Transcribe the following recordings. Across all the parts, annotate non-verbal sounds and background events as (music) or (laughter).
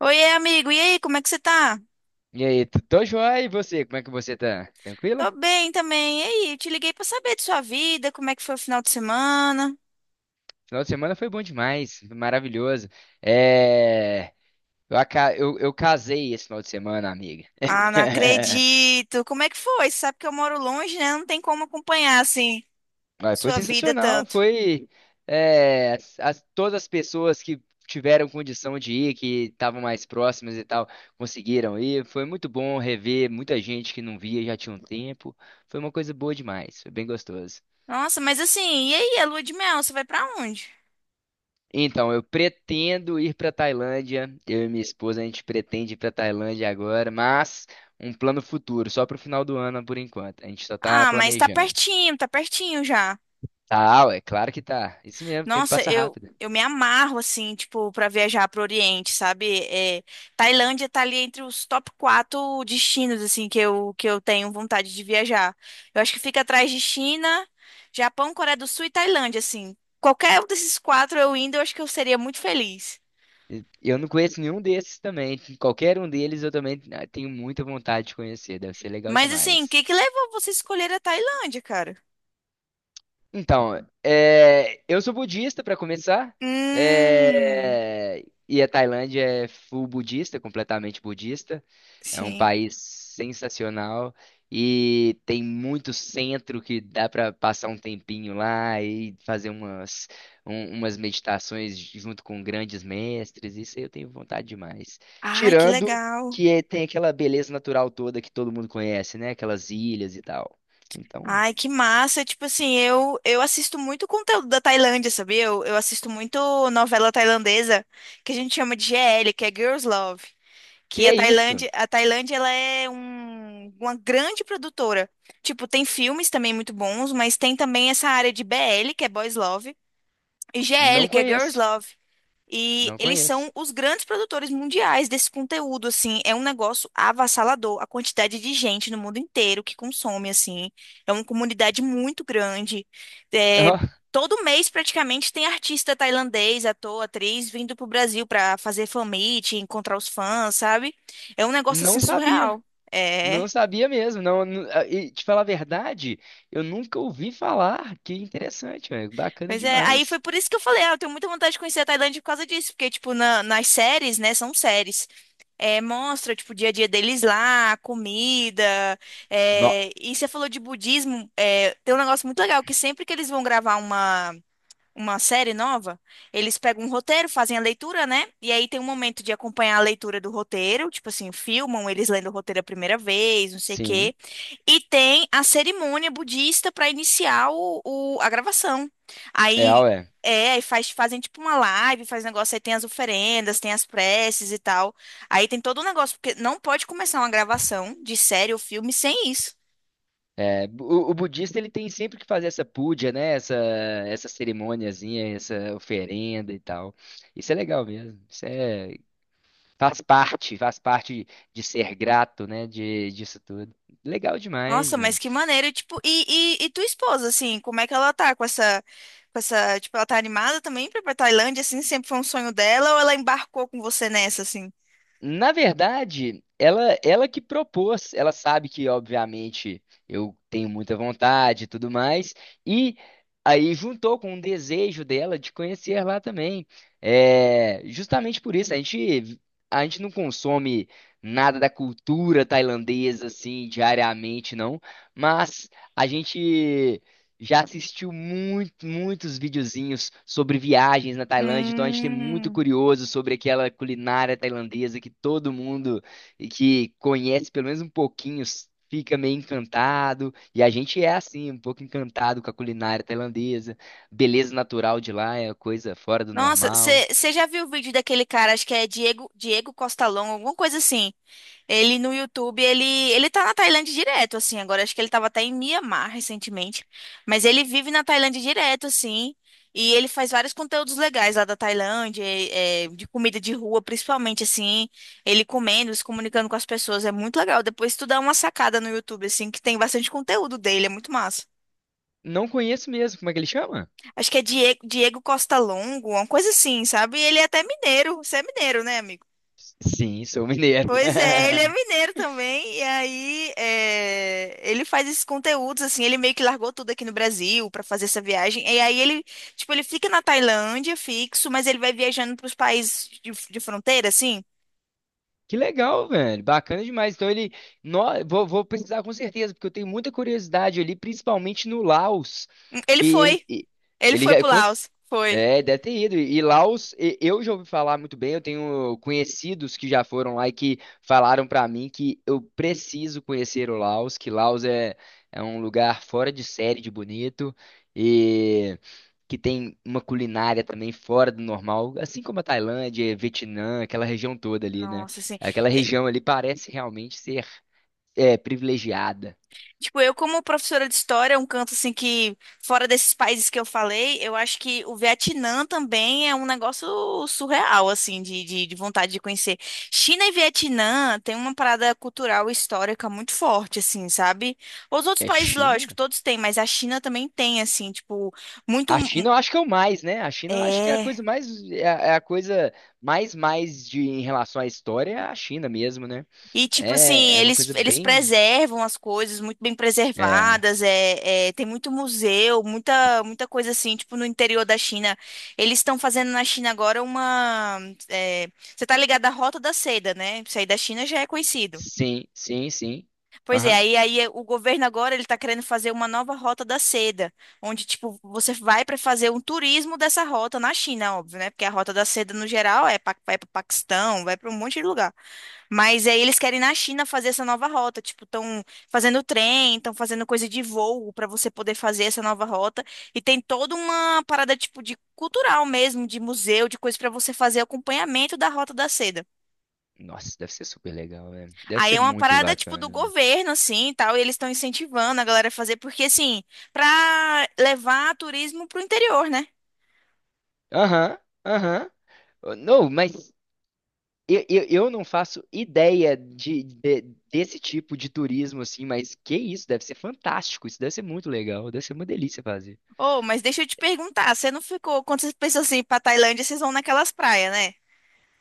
Oiê, amigo. E aí, como é que você tá? E aí, tô joia, e você? Como é que você tá? Tranquila? Tô bem também. E aí, eu te liguei pra saber de sua vida, como é que foi o final de semana? Final de semana foi bom demais, foi maravilhoso. É... eu casei esse final de semana, amiga. Ah, não (laughs) acredito. Como é que foi? Você sabe que eu moro longe, né? Não tem como acompanhar, assim, Mas foi sua vida sensacional, tanto. foi, todas as pessoas que tiveram condição de ir, que estavam mais próximas e tal, conseguiram ir. Foi muito bom rever muita gente que não via já tinha um tempo. Foi uma coisa boa demais, foi bem gostoso. Nossa, mas assim, e aí, a lua de mel, você vai pra onde? Então, eu pretendo ir para Tailândia. Eu e minha esposa, a gente pretende ir para Tailândia agora, mas um plano futuro, só para o final do ano por enquanto. A gente só tá Ah, mas planejando. Tá pertinho já. Tá, ué, claro que tá. Isso mesmo, o tempo Nossa, passa eu, rápido. eu me amarro, assim, tipo, pra viajar pro Oriente, sabe? Tailândia tá ali entre os top quatro destinos, assim, que eu tenho vontade de viajar. Eu acho que fica atrás de China, Japão, Coreia do Sul e Tailândia, assim. Qualquer um desses quatro eu indo, eu acho que eu seria muito feliz. Eu não conheço nenhum desses também. Qualquer um deles eu também tenho muita vontade de conhecer. Deve ser legal Mas, assim, o demais. que que levou você a escolher a Tailândia, cara? Então, eu sou budista para começar, Hum, e a Tailândia é full budista, completamente budista. É um sim. país sensacional e tem muito centro que dá para passar um tempinho lá e fazer umas meditações junto com grandes mestres. Isso aí eu tenho vontade demais. Ai, que Tirando legal. Tem aquela beleza natural toda que todo mundo conhece, né? Aquelas ilhas e tal. Então, Ai, que massa. Tipo assim, eu assisto muito conteúdo da Tailândia, sabia? Eu assisto muito novela tailandesa, que a gente chama de GL, que é Girls Love. que Que a é isso? Tailândia, a Tailândia, ela é uma grande produtora. Tipo, tem filmes também muito bons, mas tem também essa área de BL, que é Boys Love, e Não GL, que é Girls conheço, Love. E não eles conheço. são os grandes produtores mundiais desse conteúdo, assim, é um negócio avassalador, a quantidade de gente no mundo inteiro que consome, assim, é uma comunidade muito grande. É, Ó, todo mês, praticamente, tem artista tailandês, ator, atriz, vindo pro Brasil para fazer fan meet, encontrar os fãs, sabe? É um negócio, não assim, sabia, surreal. É... não sabia mesmo. Não, e te falar a verdade, eu nunca ouvi falar. Que interessante, velho, bacana Pois é, aí foi demais. por isso que eu falei, ah, eu tenho muita vontade de conhecer a Tailândia por causa disso, porque, tipo, nas séries, né, são séries. É, mostra, tipo, o dia a dia deles lá, a comida. Nó, É, e você falou de budismo, é, tem um negócio muito legal, que sempre que eles vão gravar uma série nova, eles pegam um roteiro, fazem a leitura, né? E aí tem um momento de acompanhar a leitura do roteiro, tipo assim, filmam eles lendo o roteiro a primeira vez, não sei o sim, quê. E tem a cerimônia budista para iniciar a gravação. é, Aí ué. é, aí faz, fazem tipo uma live, faz negócio, aí tem as oferendas, tem as preces e tal. Aí tem todo um negócio, porque não pode começar uma gravação de série ou filme sem isso. É, o budista ele tem sempre que fazer essa puja, né? Essa cerimôniazinha, essa oferenda e tal. Isso é legal mesmo. Faz parte de ser grato, né? De, disso tudo. Legal demais, Nossa, mas velho. que maneiro, tipo, e tua esposa, assim, como é que ela tá com essa, tipo, ela tá animada também pra ir pra Tailândia, assim, sempre foi um sonho dela, ou ela embarcou com você nessa, assim? Na verdade, ela que propôs. Ela sabe que, obviamente, eu tenho muita vontade e tudo mais. E aí juntou com um desejo dela de conhecer lá também. É, justamente por isso, a gente não consome nada da cultura tailandesa, assim, diariamente, não. Mas a gente. Já assistiu muito, muitos videozinhos sobre viagens na Tailândia, então a gente tem muito Hum. curioso sobre aquela culinária tailandesa que todo mundo que conhece pelo menos um pouquinho fica meio encantado, e a gente é assim, um pouco encantado com a culinária tailandesa. Beleza natural de lá é coisa fora do Nossa, normal. você já viu o vídeo daquele cara, acho que é Diego, Diego Costa Long, alguma coisa assim, ele no YouTube, ele tá na Tailândia direto, assim. Agora acho que ele tava até em Mianmar recentemente. Mas ele vive na Tailândia direto, assim. E ele faz vários conteúdos legais lá da Tailândia, é, de comida de rua, principalmente, assim. Ele comendo, se comunicando com as pessoas. É muito legal. Depois tu dá uma sacada no YouTube, assim, que tem bastante conteúdo dele. É muito massa. Não conheço mesmo, como é que ele chama? Acho que é Diego, Diego Costa Longo, uma coisa assim, sabe? E ele é até mineiro. Você é mineiro, né, amigo? Sim, sou mineiro. Pois (laughs) é, ele é mineiro também, e aí é, ele faz esses conteúdos, assim, ele meio que largou tudo aqui no Brasil pra fazer essa viagem, e aí ele, tipo, ele fica na Tailândia fixo, mas ele vai viajando pros países de fronteira, assim. Que legal, velho. Bacana demais. Então ele. No... vou precisar com certeza, porque eu tenho muita curiosidade ali, principalmente no Laos. Ele Que ele. foi, E- ele Ele foi já. pro Com- Laos, foi. É, deve ter ido. E Laos, eu já ouvi falar muito bem. Eu tenho conhecidos que já foram lá e que falaram pra mim que eu preciso conhecer o Laos, que Laos é, é um lugar fora de série de bonito. E. que tem uma culinária também fora do normal, assim como a Tailândia, Vietnã, aquela região toda ali, né? Nossa, assim. Aquela região ali parece realmente ser privilegiada. Tipo, eu como professora de história, é um canto assim que, fora desses países que eu falei, eu acho que o Vietnã também é um negócio surreal, assim, de vontade de conhecer. China e Vietnã tem uma parada cultural e histórica muito forte, assim, sabe? Os outros É países, China? lógico, todos têm, mas a China também tem, assim, tipo, muito... A China eu acho que é o mais, né? A China eu acho que é a É... coisa mais, é a coisa mais de em relação à história é a China mesmo, né? E, tipo assim, É, é uma eles, coisa eles bem, preservam as coisas muito bem é, preservadas, tem muito museu, muita, muita coisa assim, tipo no interior da China. Eles estão fazendo na China agora uma. É, você tá ligado à Rota da Seda, né? Isso aí da China já é conhecido. sim, sim, sim. Pois é, Aham. O governo agora ele tá querendo fazer uma nova Rota da Seda, onde, tipo, você vai para fazer um turismo dessa rota na China, óbvio, né? Porque a Rota da Seda, no geral, é para vai para Paquistão, vai para um monte de lugar. Mas aí eles querem na China fazer essa nova rota, tipo, estão fazendo trem, estão fazendo coisa de voo para você poder fazer essa nova rota e tem toda uma parada tipo de cultural mesmo, de museu, de coisa para você fazer acompanhamento da Rota da Seda. Nossa, deve ser super legal, velho. Deve Aí ser é uma muito parada tipo do bacana, velho. governo assim, e tal, e eles estão incentivando a galera a fazer porque assim, para levar turismo pro interior, né? Aham, aham. Não, mas eu não faço ideia desse tipo de turismo assim, mas que isso, deve ser fantástico, isso deve ser muito legal, deve ser uma delícia fazer. Oh, mas deixa eu te perguntar, você não ficou, quando vocês pensam assim, pra Tailândia, vocês vão naquelas praias, né?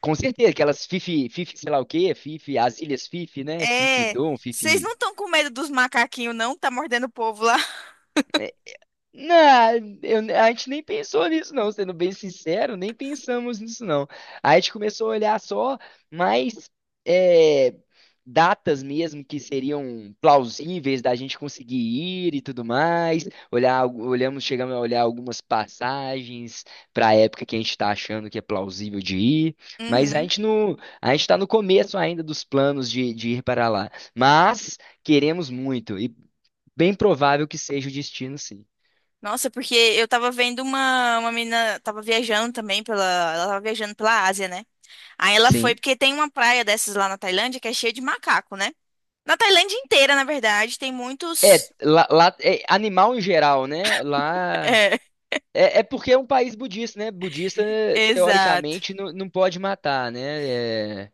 Com certeza, aquelas Fifi, Fifi, sei lá o quê, Fifi, as Ilhas Fifi, né? Fifi É, Dom, vocês Fifi. não estão com medo dos macaquinhos, não? Tá mordendo o povo lá. (laughs) Não, a gente nem pensou nisso, não, sendo bem sincero, nem pensamos nisso, não. A gente começou a olhar só mais é, datas mesmo que seriam plausíveis da gente conseguir ir e tudo mais. Olhamos, chegamos a olhar algumas passagens para a época que a gente está achando que é plausível de ir, mas Uhum. A gente está no começo ainda dos planos de ir para lá. Mas queremos muito e bem provável que seja o destino, sim. Nossa, porque eu tava vendo uma menina, tava viajando também pela, ela tava viajando pela Ásia, né? Aí ela foi Sim. porque tem uma praia dessas lá na Tailândia que é cheia de macaco, né? Na Tailândia inteira, na verdade, tem muitos. É, é, animal em geral, né? Lá. (laughs) É, é porque é um país budista, né? Budista, É, exato. teoricamente, não pode matar, né? É,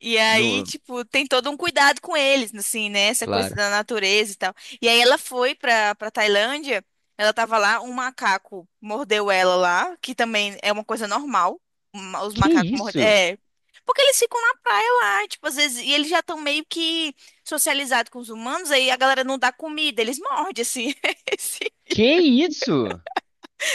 E aí, no, tipo, tem todo um cuidado com eles, assim, né? Essa coisa claro. da natureza e tal. E aí ela foi pra Tailândia, ela tava lá, um macaco mordeu ela lá, que também é uma coisa normal. Os Que macacos mordem. isso? É. Porque eles ficam na praia lá, tipo, às vezes, e eles já estão meio que socializados com os humanos, aí a galera não dá comida, eles mordem, assim. (laughs) Assim. Que isso?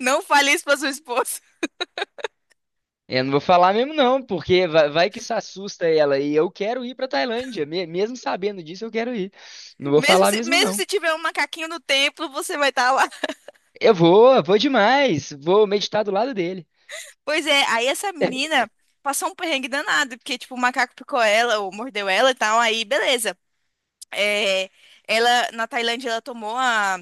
Não fale isso pra sua esposa. Eu não vou falar mesmo, não, porque vai que isso assusta ela. E eu quero ir pra Tailândia. Mesmo sabendo disso, eu quero ir. Não vou falar mesmo, Mesmo não. se tiver um macaquinho no templo, você vai estar. Eu vou, vou demais. Vou meditar do lado dele. Pois é, aí essa (laughs) menina passou um perrengue danado, porque, tipo, o macaco picou ela, ou mordeu ela e tal, aí beleza. É, ela, na Tailândia, ela tomou a,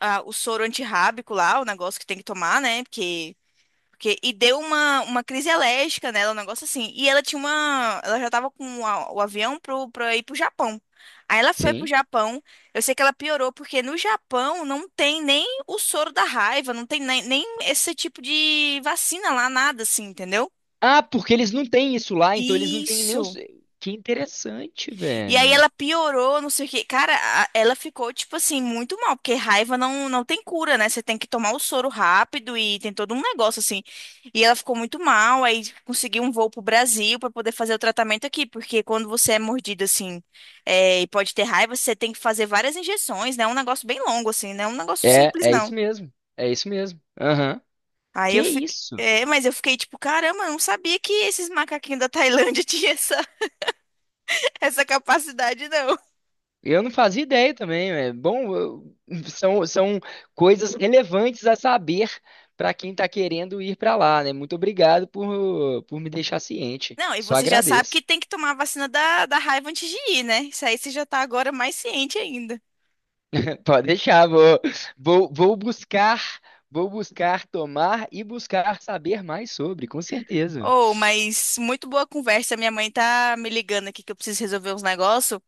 a- o soro antirrábico lá, o negócio que tem que tomar, né? E deu uma crise alérgica nela, um negócio assim. E ela tinha uma. Ela já tava com o avião pra ir pro Japão. Aí ela foi pro Sim. Japão. Eu sei que ela piorou, porque no Japão não tem nem o soro da raiva, não tem nem, nem esse tipo de vacina lá, nada assim, entendeu? Ah, porque eles não têm isso lá, então eles não têm nem os. Isso. Que interessante, E aí velho. ela piorou, não sei o quê. Cara, ela ficou, tipo assim, muito mal, porque raiva não tem cura, né? Você tem que tomar o soro rápido e tem todo um negócio assim. E ela ficou muito mal, aí conseguiu um voo pro Brasil pra poder fazer o tratamento aqui, porque quando você é mordido assim, é, e pode ter raiva, você tem que fazer várias injeções, né? É um negócio bem longo, assim, não é um negócio É, simples, é não. isso mesmo. É isso mesmo. Aham. Aí Que eu fiquei. isso? É, mas eu fiquei tipo, caramba, eu não sabia que esses macaquinhos da Tailândia (laughs) tinham essa, essa capacidade, não. Eu não fazia ideia também. É bom, (laughs) são, são coisas relevantes a saber para quem está querendo ir para lá, né? Muito obrigado por me deixar ciente. Não, e Só você já sabe que agradeço. tem que tomar a vacina da raiva antes de ir, né? Isso aí você já tá agora mais ciente ainda. (laughs) Pode deixar, vou, vou buscar, vou buscar tomar e buscar saber mais sobre, com certeza. Oh, mas muito boa conversa. Minha mãe tá me ligando aqui que eu preciso resolver uns negócios.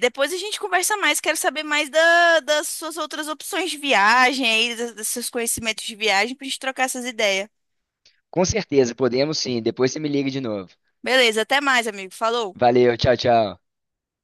Depois a gente conversa mais. Quero saber mais das suas outras opções de viagem aí, dos seus conhecimentos de viagem, pra gente trocar essas ideias. Com certeza, podemos sim. Depois você me liga de novo. Beleza, até mais, amigo. Falou! Valeu, tchau, tchau.